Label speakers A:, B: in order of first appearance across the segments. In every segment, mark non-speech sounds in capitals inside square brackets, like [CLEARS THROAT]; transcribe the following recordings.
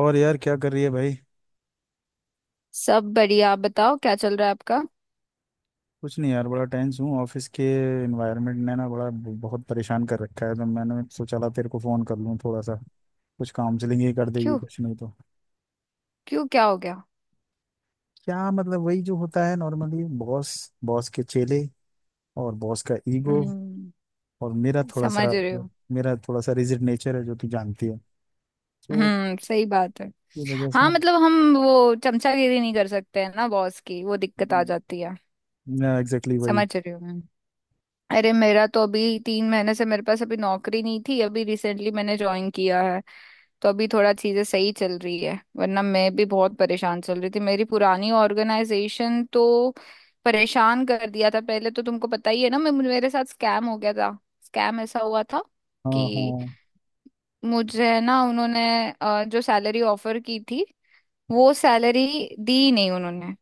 A: और यार क्या कर रही है भाई।
B: सब बढ़िया। आप बताओ क्या चल रहा है आपका।
A: कुछ नहीं यार बड़ा टेंस हूँ ऑफिस के एनवायरनमेंट ने ना बड़ा बहुत परेशान कर रखा है, तो मैंने सोचा ला तेरे को फोन कर लूँ थोड़ा सा, कुछ काउंसलिंग ही कर देगी
B: क्यों।
A: कुछ नहीं तो।
B: क्यों क्या हो गया।
A: क्या मतलब, वही जो होता है नॉर्मली, बॉस, बॉस के चेले और बॉस का ईगो।
B: हम्म।
A: और मेरा थोड़ा
B: समझ
A: सा,
B: रहे हो।
A: मेरा थोड़ा सा रिजिड नेचर है जो तू जानती है, तो
B: हम्म। सही बात है।
A: की वजह से
B: हाँ
A: ना।
B: मतलब हम वो चमचागिरी नहीं कर सकते हैं ना, बॉस की वो दिक्कत आ जाती है।
A: ना एग्जैक्टली वही।
B: समझ रही हो। अरे, मेरा तो अभी 3 महीने से मेरे पास अभी नौकरी नहीं थी। अभी रिसेंटली मैंने ज्वाइन किया है। तो अभी थोड़ा चीजें सही चल रही है, वरना मैं भी बहुत परेशान चल रही थी। मेरी पुरानी ऑर्गेनाइजेशन तो परेशान कर दिया था पहले, तो तुमको पता ही है ना, मैं, मेरे साथ स्कैम हो गया था। स्कैम ऐसा हुआ था
A: हाँ
B: कि
A: हाँ,
B: मुझे ना उन्होंने, जो सैलरी ऑफर की थी वो सैलरी दी नहीं उन्होंने।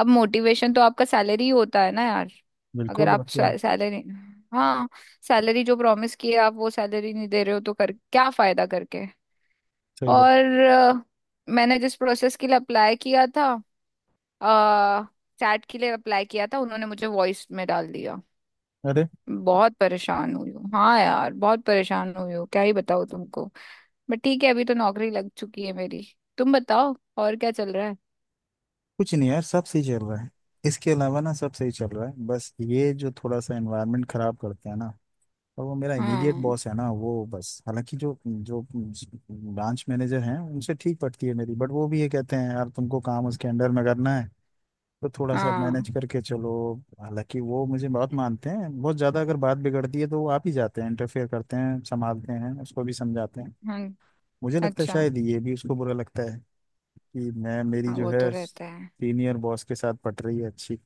B: अब मोटिवेशन तो आपका सैलरी ही होता है ना यार। अगर
A: बिल्कुल और
B: आप
A: क्या।
B: सैलरी, हाँ, सैलरी जो प्रॉमिस किए आप वो सैलरी नहीं दे रहे हो तो कर क्या फायदा करके।
A: सही बात।
B: और मैंने जिस प्रोसेस के लिए अप्लाई किया था, चैट के लिए अप्लाई किया था, उन्होंने मुझे वॉइस में डाल दिया।
A: अरे
B: बहुत परेशान हुई हूँ। हाँ यार, बहुत परेशान हुई हूँ, क्या ही बताऊँ तुमको। बट ठीक है, अभी तो नौकरी लग चुकी है मेरी। तुम बताओ, और क्या चल रहा है।
A: कुछ नहीं यार, सब सही चल रहा है। इसके अलावा ना सब सही चल रहा है, बस ये जो थोड़ा सा एनवायरनमेंट खराब करते हैं ना। और वो मेरा इमीडिएट
B: हाँ।
A: बॉस है ना वो, बस हालांकि जो जो ब्रांच मैनेजर हैं उनसे ठीक पटती है मेरी, बट वो भी ये कहते हैं यार तुमको काम उसके अंडर में करना है तो थोड़ा सा
B: हाँ।
A: मैनेज करके चलो। हालांकि वो मुझे बहुत मानते हैं, बहुत ज़्यादा, अगर बात बिगड़ती है तो वो आप ही जाते हैं, इंटरफेयर करते हैं, संभालते हैं, उसको भी समझाते हैं।
B: हाँ।
A: मुझे लगता है
B: अच्छा।
A: शायद ये भी उसको बुरा लगता है कि मैं, मेरी
B: हाँ
A: जो
B: वो तो
A: है
B: रहता है।
A: सीनियर बॉस के साथ पट रही है अच्छी,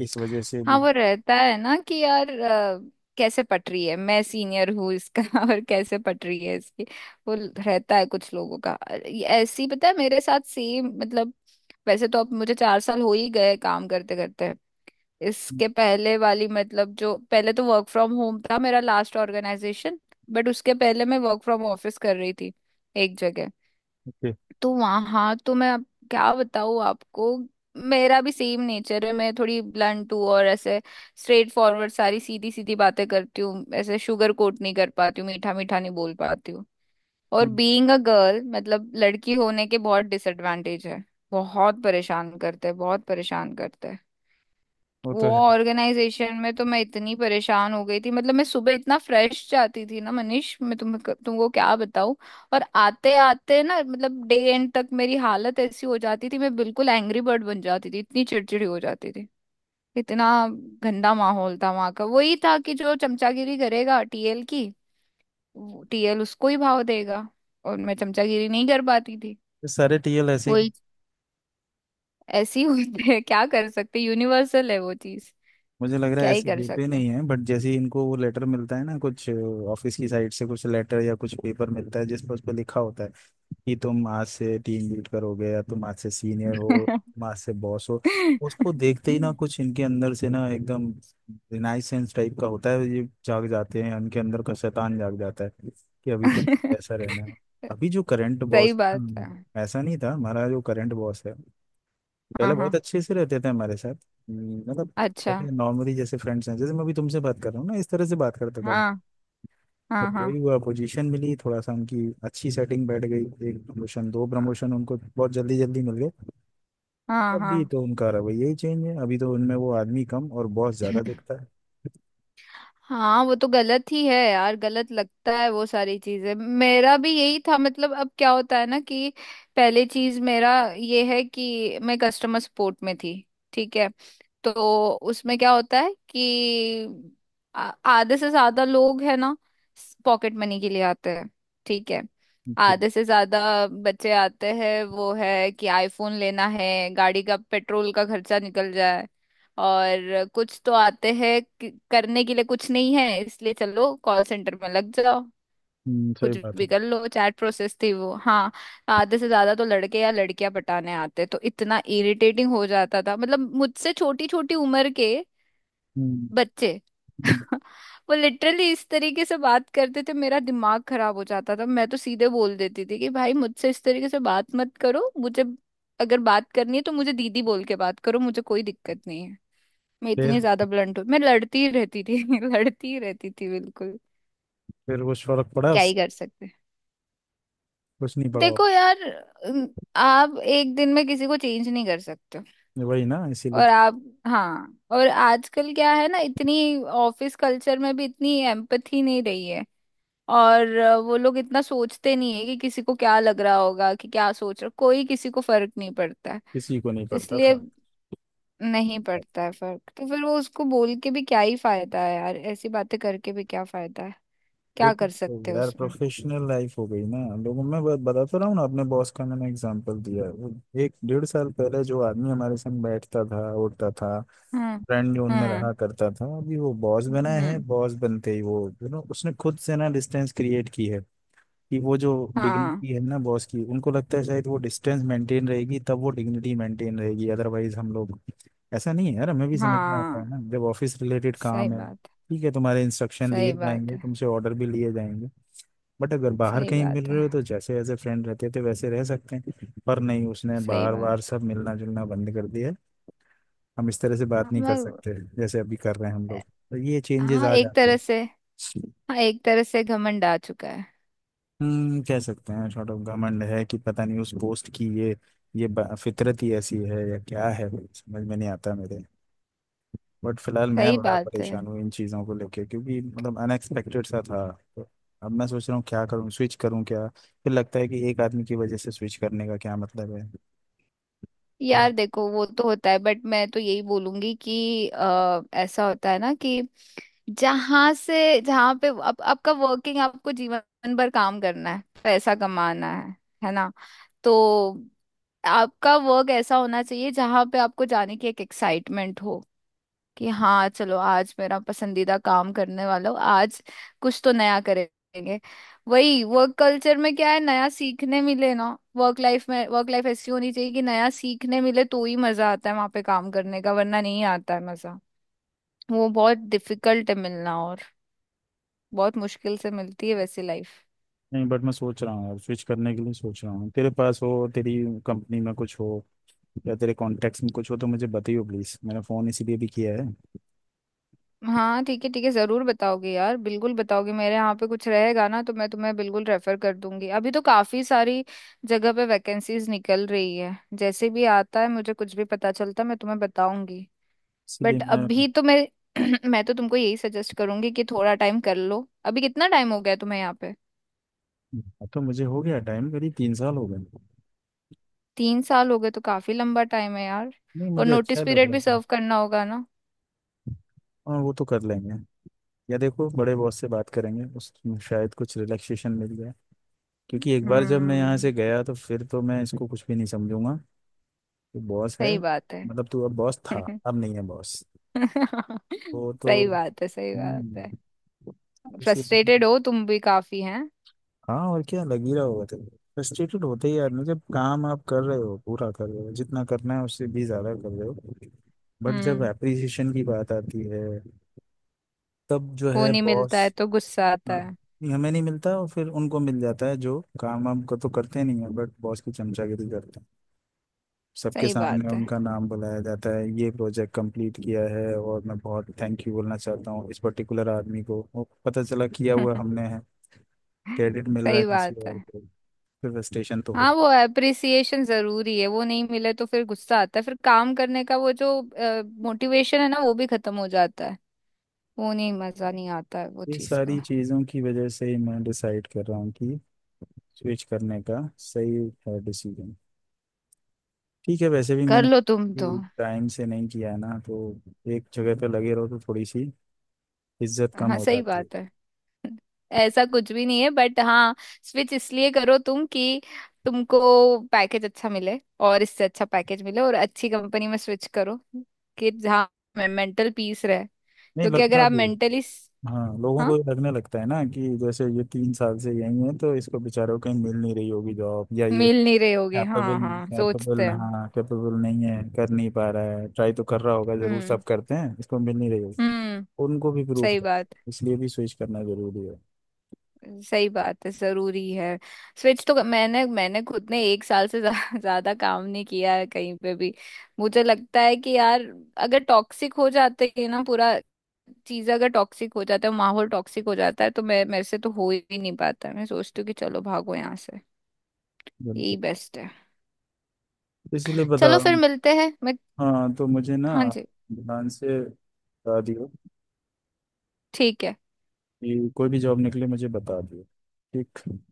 A: इस वजह से
B: हाँ
A: भी।
B: वो रहता है ना, कि यार कैसे पट रही है, मैं सीनियर हूँ इसका [LAUGHS] और कैसे पट रही है इसकी। वो रहता है कुछ लोगों का। ये ऐसे ही, पता है मेरे साथ सेम, मतलब वैसे तो अब मुझे 4 साल हो ही गए काम करते करते। इसके पहले वाली, मतलब जो पहले, तो वर्क फ्रॉम होम था मेरा लास्ट ऑर्गेनाइजेशन। बट उसके पहले मैं वर्क फ्रॉम ऑफिस कर रही थी एक जगह।
A: ओके।
B: तो वहाँ, हाँ, तो मैं अब क्या बताऊँ आपको। मेरा भी सेम नेचर है, मैं थोड़ी ब्लंट हूँ, और ऐसे स्ट्रेट फॉरवर्ड सारी सीधी सीधी बातें करती हूँ, ऐसे शुगर कोट नहीं कर पाती हूँ, मीठा मीठा नहीं बोल पाती हूँ। और
A: हम्म,
B: बीइंग अ गर्ल, मतलब लड़की होने के बहुत डिसएडवांटेज है। बहुत परेशान करते हैं, बहुत परेशान करते हैं।
A: वो
B: वो
A: तो है।
B: ऑर्गेनाइजेशन में तो मैं इतनी परेशान हो गई थी, मतलब मैं सुबह इतना फ्रेश जाती थी ना मनीष, मैं तुम्हें तुमको क्या बताऊं। और आते आते ना, मतलब डे एंड तक मेरी हालत ऐसी हो जाती थी, मैं बिल्कुल एंग्री बर्ड बन जाती थी, इतनी चिड़चिड़ी हो जाती थी, इतना गंदा माहौल था वहां का। वही था कि जो चमचागिरी करेगा टीएल की, टीएल उसको ही भाव देगा, और मैं चमचागिरी नहीं कर पाती थी।
A: ये सारे टीएल ऐसे
B: वही।
A: ही।
B: ऐसी हुई है, क्या कर सकते, यूनिवर्सल है वो चीज।
A: मुझे लग रहा
B: क्या
A: है
B: ही
A: ऐसे
B: कर
A: होते
B: सकते
A: नहीं है, बट जैसे ही इनको वो लेटर मिलता है ना कुछ, ऑफिस की साइड से कुछ लेटर या कुछ पेपर मिलता है जिस पर, उस पर लिखा होता है कि तुम आज से टीम लीड करोगे या तुम आज से सीनियर हो,
B: हैं। [LAUGHS]
A: तुम आज से बॉस हो, उसको देखते ही ना
B: [LAUGHS]
A: कुछ इनके अंदर से ना एकदम रिनाइसेंस टाइप का होता है, ये जाग जाते हैं, इनके अंदर का शैतान जाग जाता है कि अभी तो ऐसा रहना है। अभी जो करंट
B: सही
A: बॉस,
B: बात है।
A: ऐसा नहीं था हमारा जो करंट बॉस है,
B: हाँ
A: पहले बहुत
B: हाँ।
A: अच्छे से रहते थे हमारे साथ। मतलब
B: अच्छा।
A: जैसे नॉर्मली, जैसे फ्रेंड्स हैं, जैसे मैं अभी तुमसे बात कर रहा हूँ ना इस तरह से बात करता था।
B: हाँ।
A: बट
B: हाँ। हाँ।
A: वही हुआ, पोजीशन मिली थोड़ा सा, उनकी अच्छी सेटिंग बैठ गई, एक प्रमोशन दो प्रमोशन उनको बहुत जल्दी जल्दी मिल गए।
B: हाँ।
A: अभी
B: हाँ।
A: तो उनका रवैया यही चेंज है, अभी तो उनमें वो आदमी कम और बॉस ज्यादा दिखता है।
B: हाँ वो तो गलत ही है यार, गलत लगता है वो सारी चीजें, मेरा भी यही था, मतलब अब क्या होता है ना कि, पहले चीज मेरा ये है कि मैं कस्टमर सपोर्ट में थी। ठीक है। तो उसमें क्या होता है कि आधे से ज्यादा लोग है ना, पॉकेट मनी के लिए आते हैं। ठीक है।
A: Okay।
B: आधे से ज्यादा बच्चे आते हैं, वो है कि आईफोन लेना है, गाड़ी का पेट्रोल का खर्चा निकल जाए, और कुछ तो आते हैं करने के लिए कुछ नहीं है इसलिए चलो कॉल सेंटर में लग जाओ,
A: सही
B: कुछ
A: बात है।
B: भी कर लो। चैट प्रोसेस थी वो, हाँ। आधे से ज्यादा तो लड़के या लड़कियां पटाने आते, तो इतना इरिटेटिंग हो जाता था, मतलब मुझसे छोटी छोटी उम्र के
A: हम्म
B: बच्चे।
A: हम्म।
B: [LAUGHS] वो लिटरली इस तरीके से बात करते थे, मेरा दिमाग खराब हो जाता था, मैं तो सीधे बोल देती थी कि भाई मुझसे इस तरीके से बात मत करो, मुझे अगर बात करनी है तो मुझे दीदी बोल के बात करो, मुझे कोई दिक्कत नहीं है। मैं
A: फिर,
B: इतनी ज्यादा ब्लंट हूँ, मैं लड़ती ही रहती थी [LAUGHS] लड़ती ही रहती थी बिल्कुल।
A: फिर कुछ फर्क पड़ा
B: क्या ही
A: उस-
B: कर सकते हैं।
A: कुछ नहीं पड़ा।
B: देखो यार, अम, आप एक दिन में किसी को चेंज नहीं कर सकते।
A: वही ना, इसीलिए
B: और
A: तो।
B: आप, हाँ, और आजकल क्या है ना, इतनी ऑफिस कल्चर में भी इतनी एम्पथी नहीं रही है। और वो लोग इतना सोचते नहीं है कि किसी को क्या लग रहा होगा, कि क्या सोच रहा, कोई किसी को फर्क नहीं पड़ता है।
A: किसी को नहीं पड़ता
B: इसलिए
A: फर्क।
B: नहीं पड़ता है फर्क, तो फिर वो उसको बोल के भी क्या ही फायदा है यार, ऐसी बातें करके भी क्या फायदा है,
A: फिर
B: क्या कर सकते
A: तो
B: हो
A: यार
B: उसमें।
A: प्रोफेशनल लाइफ हो गई ना लोगों में, बता तो रहा हूँ ना, अपने बॉस का मैंने एग्जांपल दिया है। वो 1 डेढ़ साल पहले जो आदमी हमारे संग बैठता था, उठता था,
B: हम्म।
A: फ्रेंड जोन में
B: हम्म।
A: रहा करता था, अभी वो बॉस बना है।
B: हम्म।
A: बॉस बनते ही वो उसने खुद से ना डिस्टेंस क्रिएट की है, कि वो जो
B: हाँ।
A: डिग्निटी है ना बॉस की, उनको लगता है शायद वो डिस्टेंस मेंटेन रहेगी तब वो डिग्निटी मेंटेन रहेगी, अदरवाइज हम लोग, ऐसा नहीं है यार, हमें भी समझ में आता है
B: हाँ।
A: ना जब ऑफिस रिलेटेड
B: सही
A: काम है,
B: बात है।
A: ठीक है तुम्हारे इंस्ट्रक्शन लिए
B: सही बात
A: जाएंगे,
B: है।
A: तुमसे ऑर्डर भी लिए जाएंगे। बट अगर बाहर
B: सही
A: कहीं मिल
B: बात
A: रहे
B: है।
A: हो तो जैसे एज ए फ्रेंड रहते थे वैसे रह सकते हैं, पर नहीं, उसने
B: सही
A: बार
B: बात।
A: बार सब मिलना जुलना बंद कर दिया है। हम इस तरह से
B: हाँ
A: बात नहीं कर
B: मगर।
A: सकते जैसे अभी कर रहे हैं हम लोग, तो ये चेंजेस
B: हाँ,
A: आ
B: एक
A: जाते
B: तरह
A: हैं।
B: से। हाँ, एक तरह से घमंड आ चुका है।
A: हम्म, कह सकते हैं शॉर्ट ऑफ घमंड है, कि पता नहीं उस पोस्ट की ये, फितरत ही ऐसी है या क्या है, समझ में नहीं आता मेरे। बट फिलहाल मैं
B: सही
A: बड़ा
B: बात है।
A: परेशान हूँ इन चीज़ों को लेके, क्योंकि मतलब अनएक्सपेक्टेड सा था। तो अब मैं सोच रहा हूँ क्या करूँ, स्विच करूँ क्या, फिर लगता है कि एक आदमी की वजह से स्विच करने का क्या मतलब है, थोड़ा।
B: यार देखो, वो तो होता है, बट मैं तो यही बोलूंगी कि ऐसा होता है ना कि, जहां से, जहां पे अब आपका वर्किंग, आपको जीवन भर काम करना है, पैसा कमाना है ना। तो आपका वर्क ऐसा होना चाहिए जहां पे आपको जाने की एक एक्साइटमेंट हो, कि हाँ चलो आज मेरा पसंदीदा काम करने वाला हो आज, कुछ तो नया करेंगे। वही वर्क कल्चर में क्या है, नया सीखने मिले ना, वर्क लाइफ में, वर्क लाइफ ऐसी होनी चाहिए कि नया सीखने मिले तो ही मजा आता है वहां पे काम करने का, वरना नहीं आता है मजा। वो बहुत डिफिकल्ट है मिलना, और बहुत मुश्किल से मिलती है वैसी लाइफ।
A: नहीं बट मैं सोच रहा हूँ यार, स्विच करने के लिए सोच रहा हूँ, तेरे पास हो तेरी कंपनी में कुछ हो या तेरे कॉन्टेक्ट्स में कुछ हो तो मुझे बताइयो प्लीज़, मैंने फ़ोन इसीलिए भी किया है।
B: हाँ ठीक है, ठीक है, जरूर बताओगे यार, बिल्कुल बताओगे। मेरे यहाँ पे कुछ रहेगा ना तो मैं तुम्हें बिल्कुल रेफर कर दूंगी, अभी तो काफी सारी जगह पे वैकेंसीज निकल रही है, जैसे भी आता है मुझे, कुछ भी पता चलता है, मैं तुम्हें बताऊंगी।
A: इसीलिए
B: बट
A: मैं,
B: अभी तो मैं, [CLEARS THROAT] मैं तो तुमको यही सजेस्ट करूंगी कि थोड़ा टाइम कर लो, अभी कितना टाइम हो गया तुम्हें यहाँ पे।
A: हाँ, तो मुझे हो गया टाइम, करीब 3 साल हो गए।
B: 3 साल हो गए तो काफी लंबा टाइम है यार,
A: नहीं
B: और
A: मुझे अच्छा
B: नोटिस
A: लग
B: पीरियड
A: रहा
B: भी
A: था।
B: सर्व करना होगा ना।
A: हाँ वो तो कर लेंगे, या देखो बड़े बॉस से बात करेंगे उस, शायद कुछ रिलैक्सेशन मिल जाए। क्योंकि एक बार जब मैं यहाँ से
B: हम्म।
A: गया तो फिर तो मैं इसको कुछ भी नहीं समझूंगा, तो बॉस है,
B: सही बात है।
A: मतलब तू अब बॉस था,
B: [LAUGHS]
A: अब नहीं है बॉस।
B: [LAUGHS]
A: वो तो,
B: सही बात है। सही बात है।
A: हम्म, इसीलिए।
B: फ्रस्ट्रेटेड हो तुम भी काफी हैं।
A: हाँ और क्या लग ही रहा होगा तेरे को। फ्रस्ट्रेटेड होते ही आदमी, जब काम आप कर रहे हो, पूरा कर रहे हो, जितना करना है उससे भी ज्यादा कर रहे हो, बट जब
B: हम्म।
A: एप्रिसिएशन की बात आती है, तब जो
B: वो
A: है
B: नहीं
A: बॉस,
B: मिलता है तो गुस्सा आता
A: हाँ,
B: है।
A: ये हमें नहीं मिलता, और फिर उनको मिल जाता है जो काम वाम को तो करते नहीं है बट बॉस की चमचागिरी करते हैं। सबके
B: सही
A: सामने
B: बात है।
A: उनका नाम बुलाया जाता है, ये प्रोजेक्ट कंप्लीट किया है और मैं बहुत थैंक यू बोलना चाहता हूँ इस पर्टिकुलर आदमी को, वो, पता चला किया हुआ
B: [LAUGHS]
A: हमने है, क्रेडिट मिल रहा है
B: सही
A: किसी
B: बात है।
A: और को। फिर फ्रस्ट्रेशन तो होता
B: हाँ, वो
A: है।
B: अप्रिसिएशन जरूरी है, वो नहीं मिले तो फिर गुस्सा आता है, फिर काम करने का वो जो मोटिवेशन है ना, वो भी खत्म हो जाता है, वो नहीं, मजा नहीं आता है वो
A: ये
B: चीज का।
A: सारी चीज़ों की वजह से ही मैं डिसाइड कर रहा हूँ कि स्विच करने का सही है डिसीजन। ठीक है, वैसे भी
B: कर
A: मैंने
B: लो तुम तो।
A: टाइम से नहीं किया है ना, तो एक जगह पे लगे रहो तो थोड़ी सी इज्जत कम
B: हाँ
A: हो
B: सही
A: जाती है।
B: बात है, ऐसा कुछ भी नहीं है, बट हाँ, स्विच इसलिए करो तुम कि तुमको पैकेज अच्छा मिले, और इससे अच्छा पैकेज मिले और अच्छी कंपनी में स्विच करो कि जहाँ मेंटल पीस रहे,
A: नहीं
B: क्योंकि अगर
A: लगता
B: आप
A: भी है।
B: मेंटली,
A: हाँ लोगों
B: हाँ।
A: को ये लगने लगता है ना कि जैसे ये 3 साल से यही है, तो इसको बेचारों को कहीं मिल नहीं रही होगी जॉब, या ये
B: मिल नहीं रहे होगे, हाँ
A: कैपेबल,
B: हाँ, सोचते
A: कैपेबल,
B: हैं।
A: हाँ कैपेबल नहीं है, कर नहीं पा रहा है, ट्राई तो कर रहा होगा जरूर,
B: हम्म।
A: सब करते हैं, इसको मिल नहीं रही होगी।
B: हम्म।
A: उनको भी प्रूफ
B: सही
A: कर,
B: बात।
A: इसलिए भी स्विच करना जरूरी है।
B: सही बात है, जरूरी है। स्विच तो मैंने मैंने खुद ने एक साल से ज्यादा [LAUGHS] काम नहीं किया है कहीं पे भी। मुझे लगता है कि यार, अगर टॉक्सिक हो जाते हैं ना पूरा, चीज अगर टॉक्सिक हो जाता है, माहौल टॉक्सिक हो जाता है, तो मैं, मेरे से तो हो ही नहीं पाता, मैं सोचती हूँ कि चलो भागो यहाँ से, यही
A: बिल्कुल,
B: बेस्ट है।
A: इसलिए बता
B: चलो
A: रहा
B: फिर
A: हूँ।
B: मिलते हैं मैं।
A: हाँ तो मुझे ना
B: हाँ जी।
A: ध्यान से बता दियो
B: ठीक है।
A: कि कोई भी जॉब निकले मुझे बता दियो। ठीक।